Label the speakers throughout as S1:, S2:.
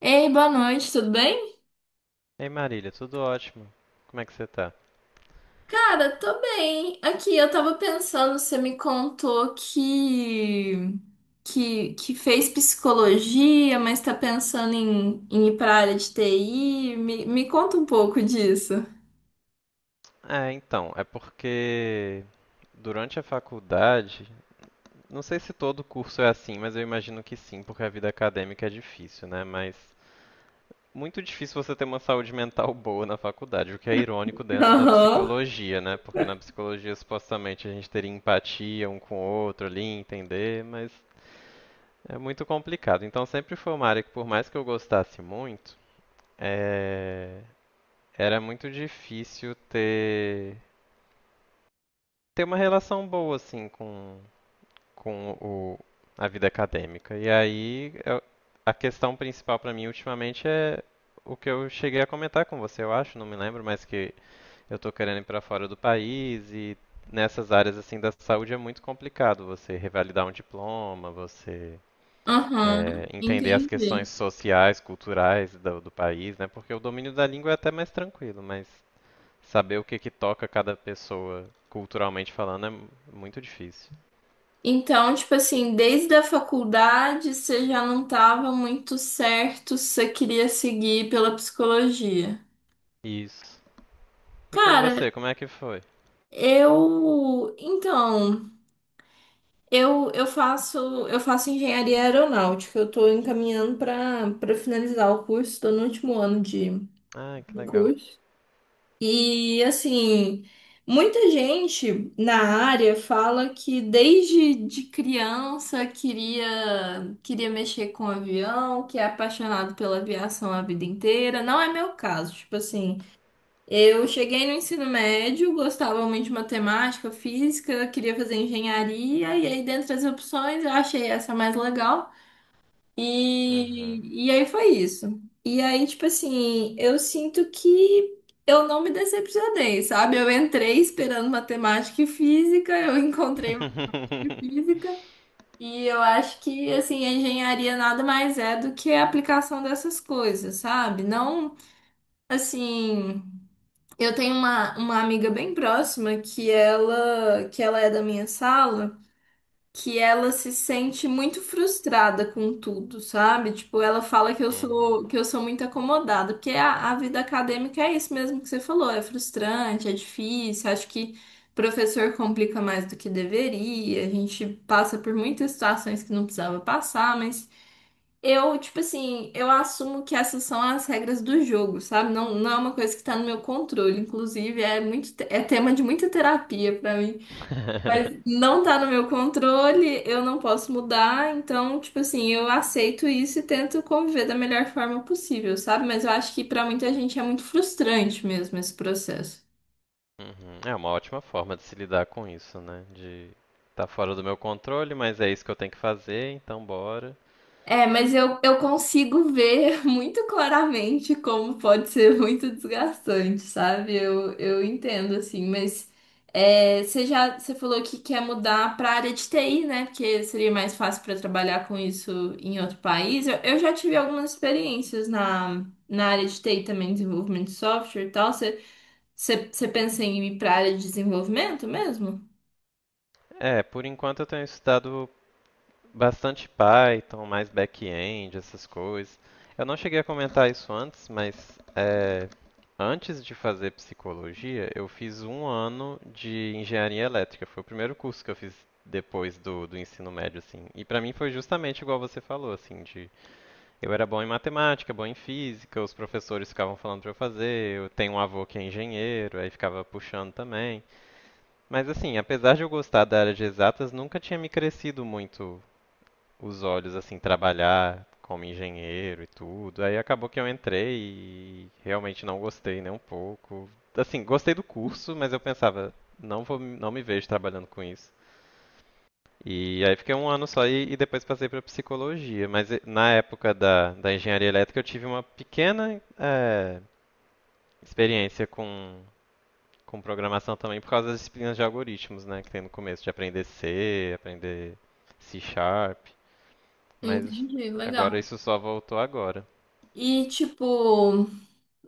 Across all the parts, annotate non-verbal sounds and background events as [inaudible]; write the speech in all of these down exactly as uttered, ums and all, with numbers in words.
S1: Ei, boa noite, tudo bem?
S2: Ei Marília, tudo ótimo. Como é que você tá?
S1: Cara, tô bem. Aqui, eu tava pensando, você me contou que que, que fez psicologia, mas tá pensando em, em ir pra área de T I. Me, me conta um pouco disso.
S2: É, então, é porque durante a faculdade, não sei se todo curso é assim, mas eu imagino que sim, porque a vida acadêmica é difícil, né? Mas muito difícil você ter uma saúde mental boa na faculdade, o que é irônico dentro da
S1: Aham.
S2: psicologia, né? Porque na psicologia supostamente a gente teria empatia um com o outro ali, entender, mas é muito complicado. Então sempre foi uma área que por mais que eu gostasse muito, é, era muito difícil ter ter uma relação boa assim com com o a vida acadêmica. E aí eu- a questão principal para mim ultimamente é o que eu cheguei a comentar com você, eu acho, não me lembro, mas que eu tô querendo ir para fora do país. E nessas áreas assim da saúde é muito complicado você revalidar um diploma, você
S1: Aham,
S2: é, entender as questões
S1: entendi.
S2: sociais, culturais do, do país, né? Porque o domínio da língua é até mais tranquilo, mas saber o que que toca cada pessoa, culturalmente falando, é muito difícil.
S1: Então, tipo assim, desde a faculdade você já não tava muito certo se você queria seguir pela psicologia.
S2: Isso. E com
S1: Cara,
S2: você, como é que foi?
S1: eu. Então. Eu, eu faço, eu faço engenharia aeronáutica. Eu estou encaminhando para para finalizar o curso, estou no último ano de
S2: Ah, que
S1: do
S2: legal.
S1: curso. E assim, muita gente na área fala que desde de criança queria queria mexer com avião, que é apaixonado pela aviação a vida inteira. Não é meu caso, tipo assim, eu cheguei no ensino médio, gostava muito de matemática, física, queria fazer engenharia, e aí, dentre as opções, eu achei essa mais legal.
S2: Uhum.
S1: E, e aí foi isso. E aí, tipo assim, eu sinto que eu não me decepcionei, sabe? Eu entrei esperando matemática e física, eu [laughs] encontrei matemática e física,
S2: [laughs]
S1: e eu acho que, assim, a engenharia nada mais é do que a aplicação dessas coisas, sabe? Não, assim. Eu tenho uma, uma amiga bem próxima que ela que ela é da minha sala, que ela se sente muito frustrada com tudo, sabe? Tipo, ela fala que eu
S2: Uhum.
S1: sou que eu sou muito acomodada, porque a, a vida acadêmica é isso mesmo que você falou, é frustrante, é difícil, acho que professor complica mais do que deveria, a gente passa por muitas situações que não precisava passar, mas eu, tipo assim, eu assumo que essas são as regras do jogo, sabe? Não, não é uma coisa que tá no meu controle. Inclusive, é muito, te- é tema de muita terapia pra mim. Mas
S2: [laughs]
S1: não tá no meu controle, eu não posso mudar. Então, tipo assim, eu aceito isso e tento conviver da melhor forma possível, sabe? Mas eu acho que pra muita gente é muito frustrante mesmo esse processo.
S2: Uhum. É uma ótima forma de se lidar com isso, né? De tá fora do meu controle, mas é isso que eu tenho que fazer, então bora.
S1: É, mas eu, eu consigo ver [laughs] muito claramente como pode ser muito desgastante, sabe? Eu, eu entendo, assim, mas é, você já você falou que quer mudar para a área de T I, né? Porque seria mais fácil para trabalhar com isso em outro país. Eu, eu já tive algumas experiências na, na área de T I também, desenvolvimento de software e tal. Você, você, você pensa em ir para a área de desenvolvimento mesmo?
S2: É, por enquanto eu tenho estudado bastante Python, mais back-end, essas coisas. Eu não cheguei a comentar isso antes, mas é, antes de fazer psicologia, eu fiz um ano de engenharia elétrica. Foi o primeiro curso que eu fiz depois do, do ensino médio, assim. E pra mim foi justamente igual você falou, assim, de eu era bom em matemática, bom em física, os professores ficavam falando pra eu fazer, eu tenho um avô que é engenheiro, aí ficava puxando também. Mas assim, apesar de eu gostar da área de exatas, nunca tinha me crescido muito os olhos, assim, trabalhar como engenheiro e tudo. Aí acabou que eu entrei e realmente não gostei nem um pouco. Assim, gostei do curso, mas eu pensava, não vou, não me vejo trabalhando com isso. E aí fiquei um ano só e, e depois passei para psicologia. Mas eh, na época da, da engenharia elétrica eu tive uma pequena eh, experiência com, com programação também por causa das disciplinas de algoritmos, né, que tem no começo, de aprender C, aprender C Sharp. Mas
S1: Entendi,
S2: agora
S1: legal.
S2: isso só voltou agora.
S1: E tipo.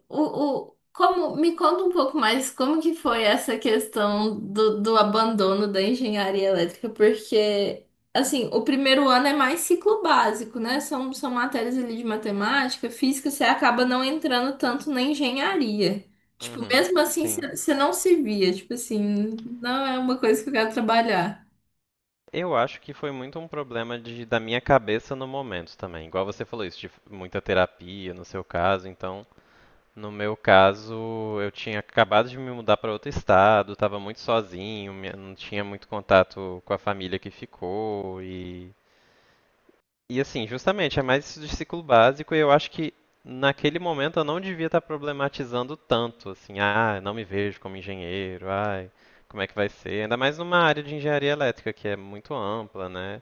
S1: O, o, como, me conta um pouco mais como que foi essa questão do, do abandono da engenharia elétrica, porque, assim, o primeiro ano é mais ciclo básico, né? São, são matérias ali de matemática, física, você acaba não entrando tanto na engenharia. Tipo,
S2: Uhum,
S1: mesmo assim,
S2: sim.
S1: você você não se via, tipo assim, não é uma coisa que eu quero trabalhar.
S2: Eu acho que foi muito um problema de, da minha cabeça no momento também. Igual você falou isso, de muita terapia no seu caso. Então, no meu caso, eu tinha acabado de me mudar para outro estado, estava muito sozinho, minha- não tinha muito contato com a família que ficou. e E assim, justamente, é mais isso de ciclo básico e eu acho que naquele momento eu não devia estar problematizando tanto, assim, ah, não me vejo como engenheiro, ai, como é que vai ser? Ainda mais numa área de engenharia elétrica que é muito ampla, né?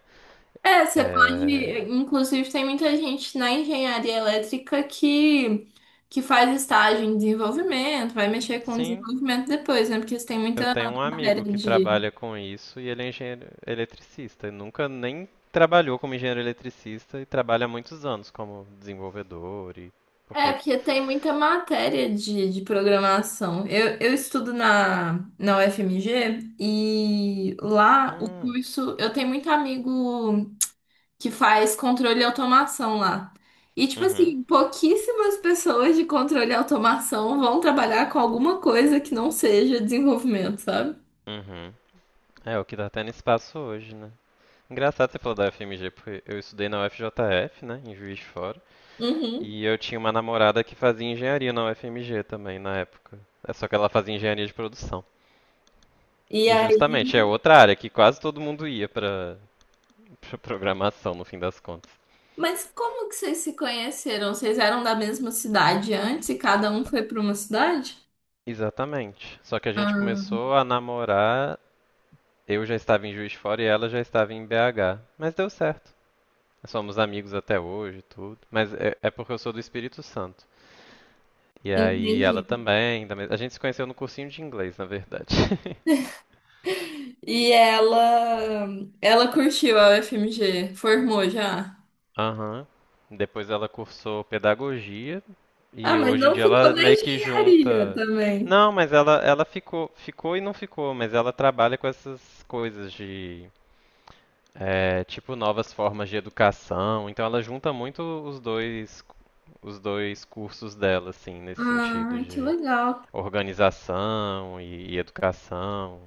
S1: É, você
S2: É,
S1: pode. Inclusive, tem muita gente na engenharia elétrica que, que faz estágio em desenvolvimento, vai mexer com
S2: sim,
S1: desenvolvimento depois, né? Porque você tem
S2: eu
S1: muita
S2: tenho um
S1: matéria
S2: amigo que
S1: de.
S2: trabalha com isso e ele é engenheiro eletricista, e nunca nem trabalhou como engenheiro eletricista e trabalha há muitos anos como desenvolvedor e
S1: É,
S2: porque…
S1: porque tem muita matéria de, de programação. Eu, eu estudo na, na U F M G e lá o
S2: Hum,
S1: curso. Eu tenho muito amigo que faz controle e automação lá. E, tipo
S2: uhum,
S1: assim, pouquíssimas pessoas de controle e automação vão trabalhar com alguma coisa que não seja desenvolvimento, sabe?
S2: uhum. É o que tá tendo espaço hoje, né? Engraçado você falar da F M G, porque eu estudei na U F J F, né, em Juiz de Fora,
S1: Uhum.
S2: e eu tinha uma namorada que fazia engenharia na U F M G também, na época. É só que ela fazia engenharia de produção.
S1: E
S2: E
S1: aí?
S2: justamente é outra área que quase todo mundo ia pra, pra programação, no fim das contas.
S1: Mas como que vocês se conheceram? Vocês eram da mesma cidade antes e cada um foi para uma cidade?
S2: Exatamente. Só que a gente
S1: Ah,
S2: começou a namorar, eu já estava em Juiz de Fora e ela já estava em B H. Mas deu certo. Somos amigos até hoje, e tudo. Mas é, é porque eu sou do Espírito Santo. E aí ela
S1: entendi.
S2: também, da… a gente se conheceu no cursinho de inglês, na verdade.
S1: E ela, ela curtiu a U F M G, formou já?
S2: Aham. Depois ela cursou pedagogia
S1: Ah,
S2: e
S1: mas
S2: hoje em
S1: não
S2: dia
S1: ficou
S2: ela
S1: na
S2: meio que
S1: engenharia
S2: junta.
S1: também.
S2: Não, mas ela ela ficou, ficou e não ficou, mas ela trabalha com essas coisas de é, tipo novas formas de educação. Então ela junta muito os dois os dois cursos dela assim, nesse sentido
S1: Ah, que
S2: de
S1: legal.
S2: organização e, e educação.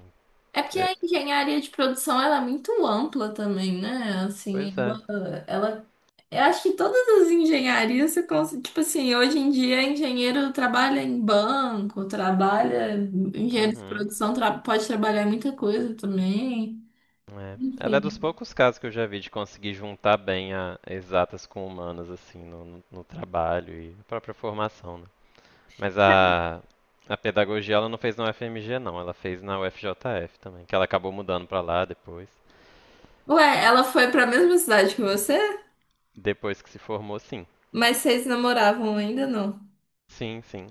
S1: É porque
S2: É,
S1: a engenharia de produção ela é muito ampla também, né? Assim,
S2: pois é.
S1: ela, ela- eu acho que todas as engenharias você consegue, tipo assim, hoje em dia engenheiro trabalha em banco, trabalha, engenheiro de
S2: Uhum.
S1: produção tra- pode trabalhar em muita coisa também.
S2: É. Ela é dos
S1: Enfim.
S2: poucos casos que eu já vi de conseguir juntar bem a exatas com humanas, assim, no, no- no trabalho e a própria formação, né? Mas a, a pedagogia ela não fez na U F M G, não. Ela fez na U F J F também, que ela acabou mudando pra lá depois.
S1: Ué, ela foi para a mesma cidade que você?
S2: Depois que se formou, sim.
S1: Mas vocês namoravam ainda não?
S2: Sim, sim.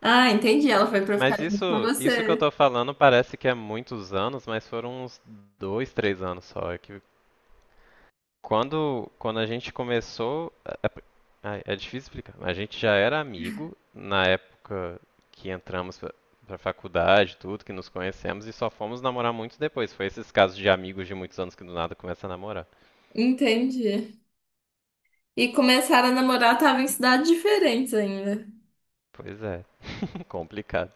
S1: Ah, entendi. Ela foi para
S2: Mas
S1: ficar junto com
S2: isso, isso que eu
S1: você.
S2: tô falando parece que é muitos anos, mas foram uns dois, três anos só. É que… Quando, quando a gente começou. É, é- é difícil explicar. A gente já era amigo na época que entramos pra, pra faculdade, tudo, que nos conhecemos, e só fomos namorar muito depois. Foi esses casos de amigos de muitos anos que do nada começa a namorar.
S1: Entendi. E começaram a namorar, tava em cidades diferentes ainda.
S2: Pois é, [laughs] complicado.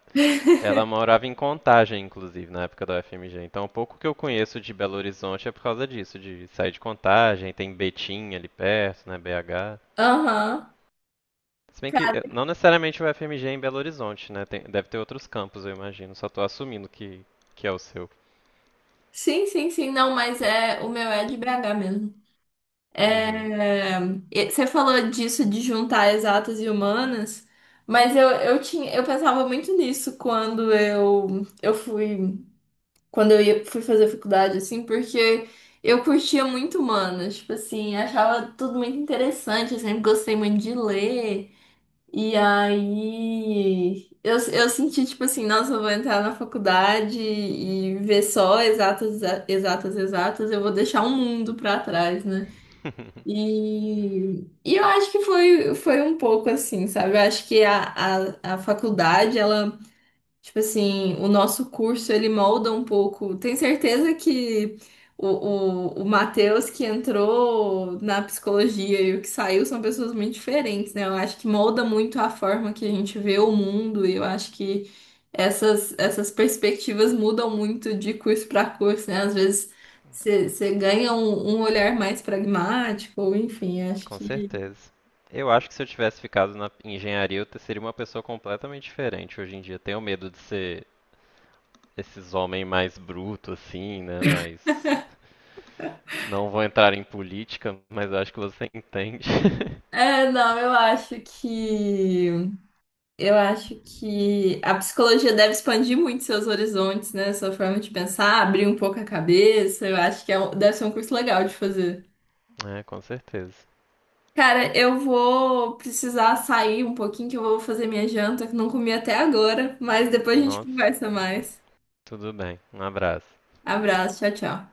S2: Ela morava em Contagem, inclusive, na época da U F M G. Então, o pouco que eu conheço de Belo Horizonte é por causa disso, de sair de Contagem, tem Betim ali perto, né, B H.
S1: Aham.
S2: Se bem que eh, não necessariamente o F M G é em Belo Horizonte, né? Tem- deve ter outros campos, eu imagino. Só tô assumindo que, que é o seu.
S1: Sim, sim, sim. Não, mas é o meu é de B H mesmo.
S2: Uhum.
S1: É, e você falou disso de juntar exatas e humanas, mas eu, eu tinha, eu pensava muito nisso quando eu, eu fui, quando eu ia, fui fazer faculdade, assim, porque eu curtia muito humanas, tipo assim, achava tudo muito interessante, eu sempre gostei muito de ler. E aí eu, eu senti tipo assim, nossa, eu vou entrar na faculdade e ver só exatas, exa- exatas, exatas, eu vou deixar o mundo pra trás, né?
S2: [laughs]
S1: E, e eu acho que foi, foi um pouco assim, sabe? Eu acho que a, a, a faculdade, ela. Tipo assim, o nosso curso ele molda um pouco. Tenho certeza que o, o, o Matheus que entrou na psicologia e o que saiu são pessoas muito diferentes, né? Eu acho que molda muito a forma que a gente vê o mundo e eu acho que essas, essas perspectivas mudam muito de curso para curso, né? Às vezes você você ganha um, um olhar mais pragmático, ou enfim, acho
S2: Com
S1: que.
S2: certeza. Eu acho que se eu tivesse ficado na engenharia, eu te- seria uma pessoa completamente diferente hoje em dia. Tenho medo de ser esses homens mais brutos, assim, né? Mas não vou entrar em política, mas acho que você entende. [laughs]
S1: É, não, eu acho que. Eu acho que a psicologia deve expandir muito seus horizontes, né? Sua forma de pensar, abrir um pouco a cabeça. Eu acho que é um- deve ser um curso legal de fazer.
S2: É, com certeza.
S1: Cara, eu vou precisar sair um pouquinho, que eu vou fazer minha janta, que não comi até agora, mas depois a gente
S2: Nossa,
S1: conversa mais.
S2: tudo bem. Um abraço.
S1: Abraço, tchau, tchau.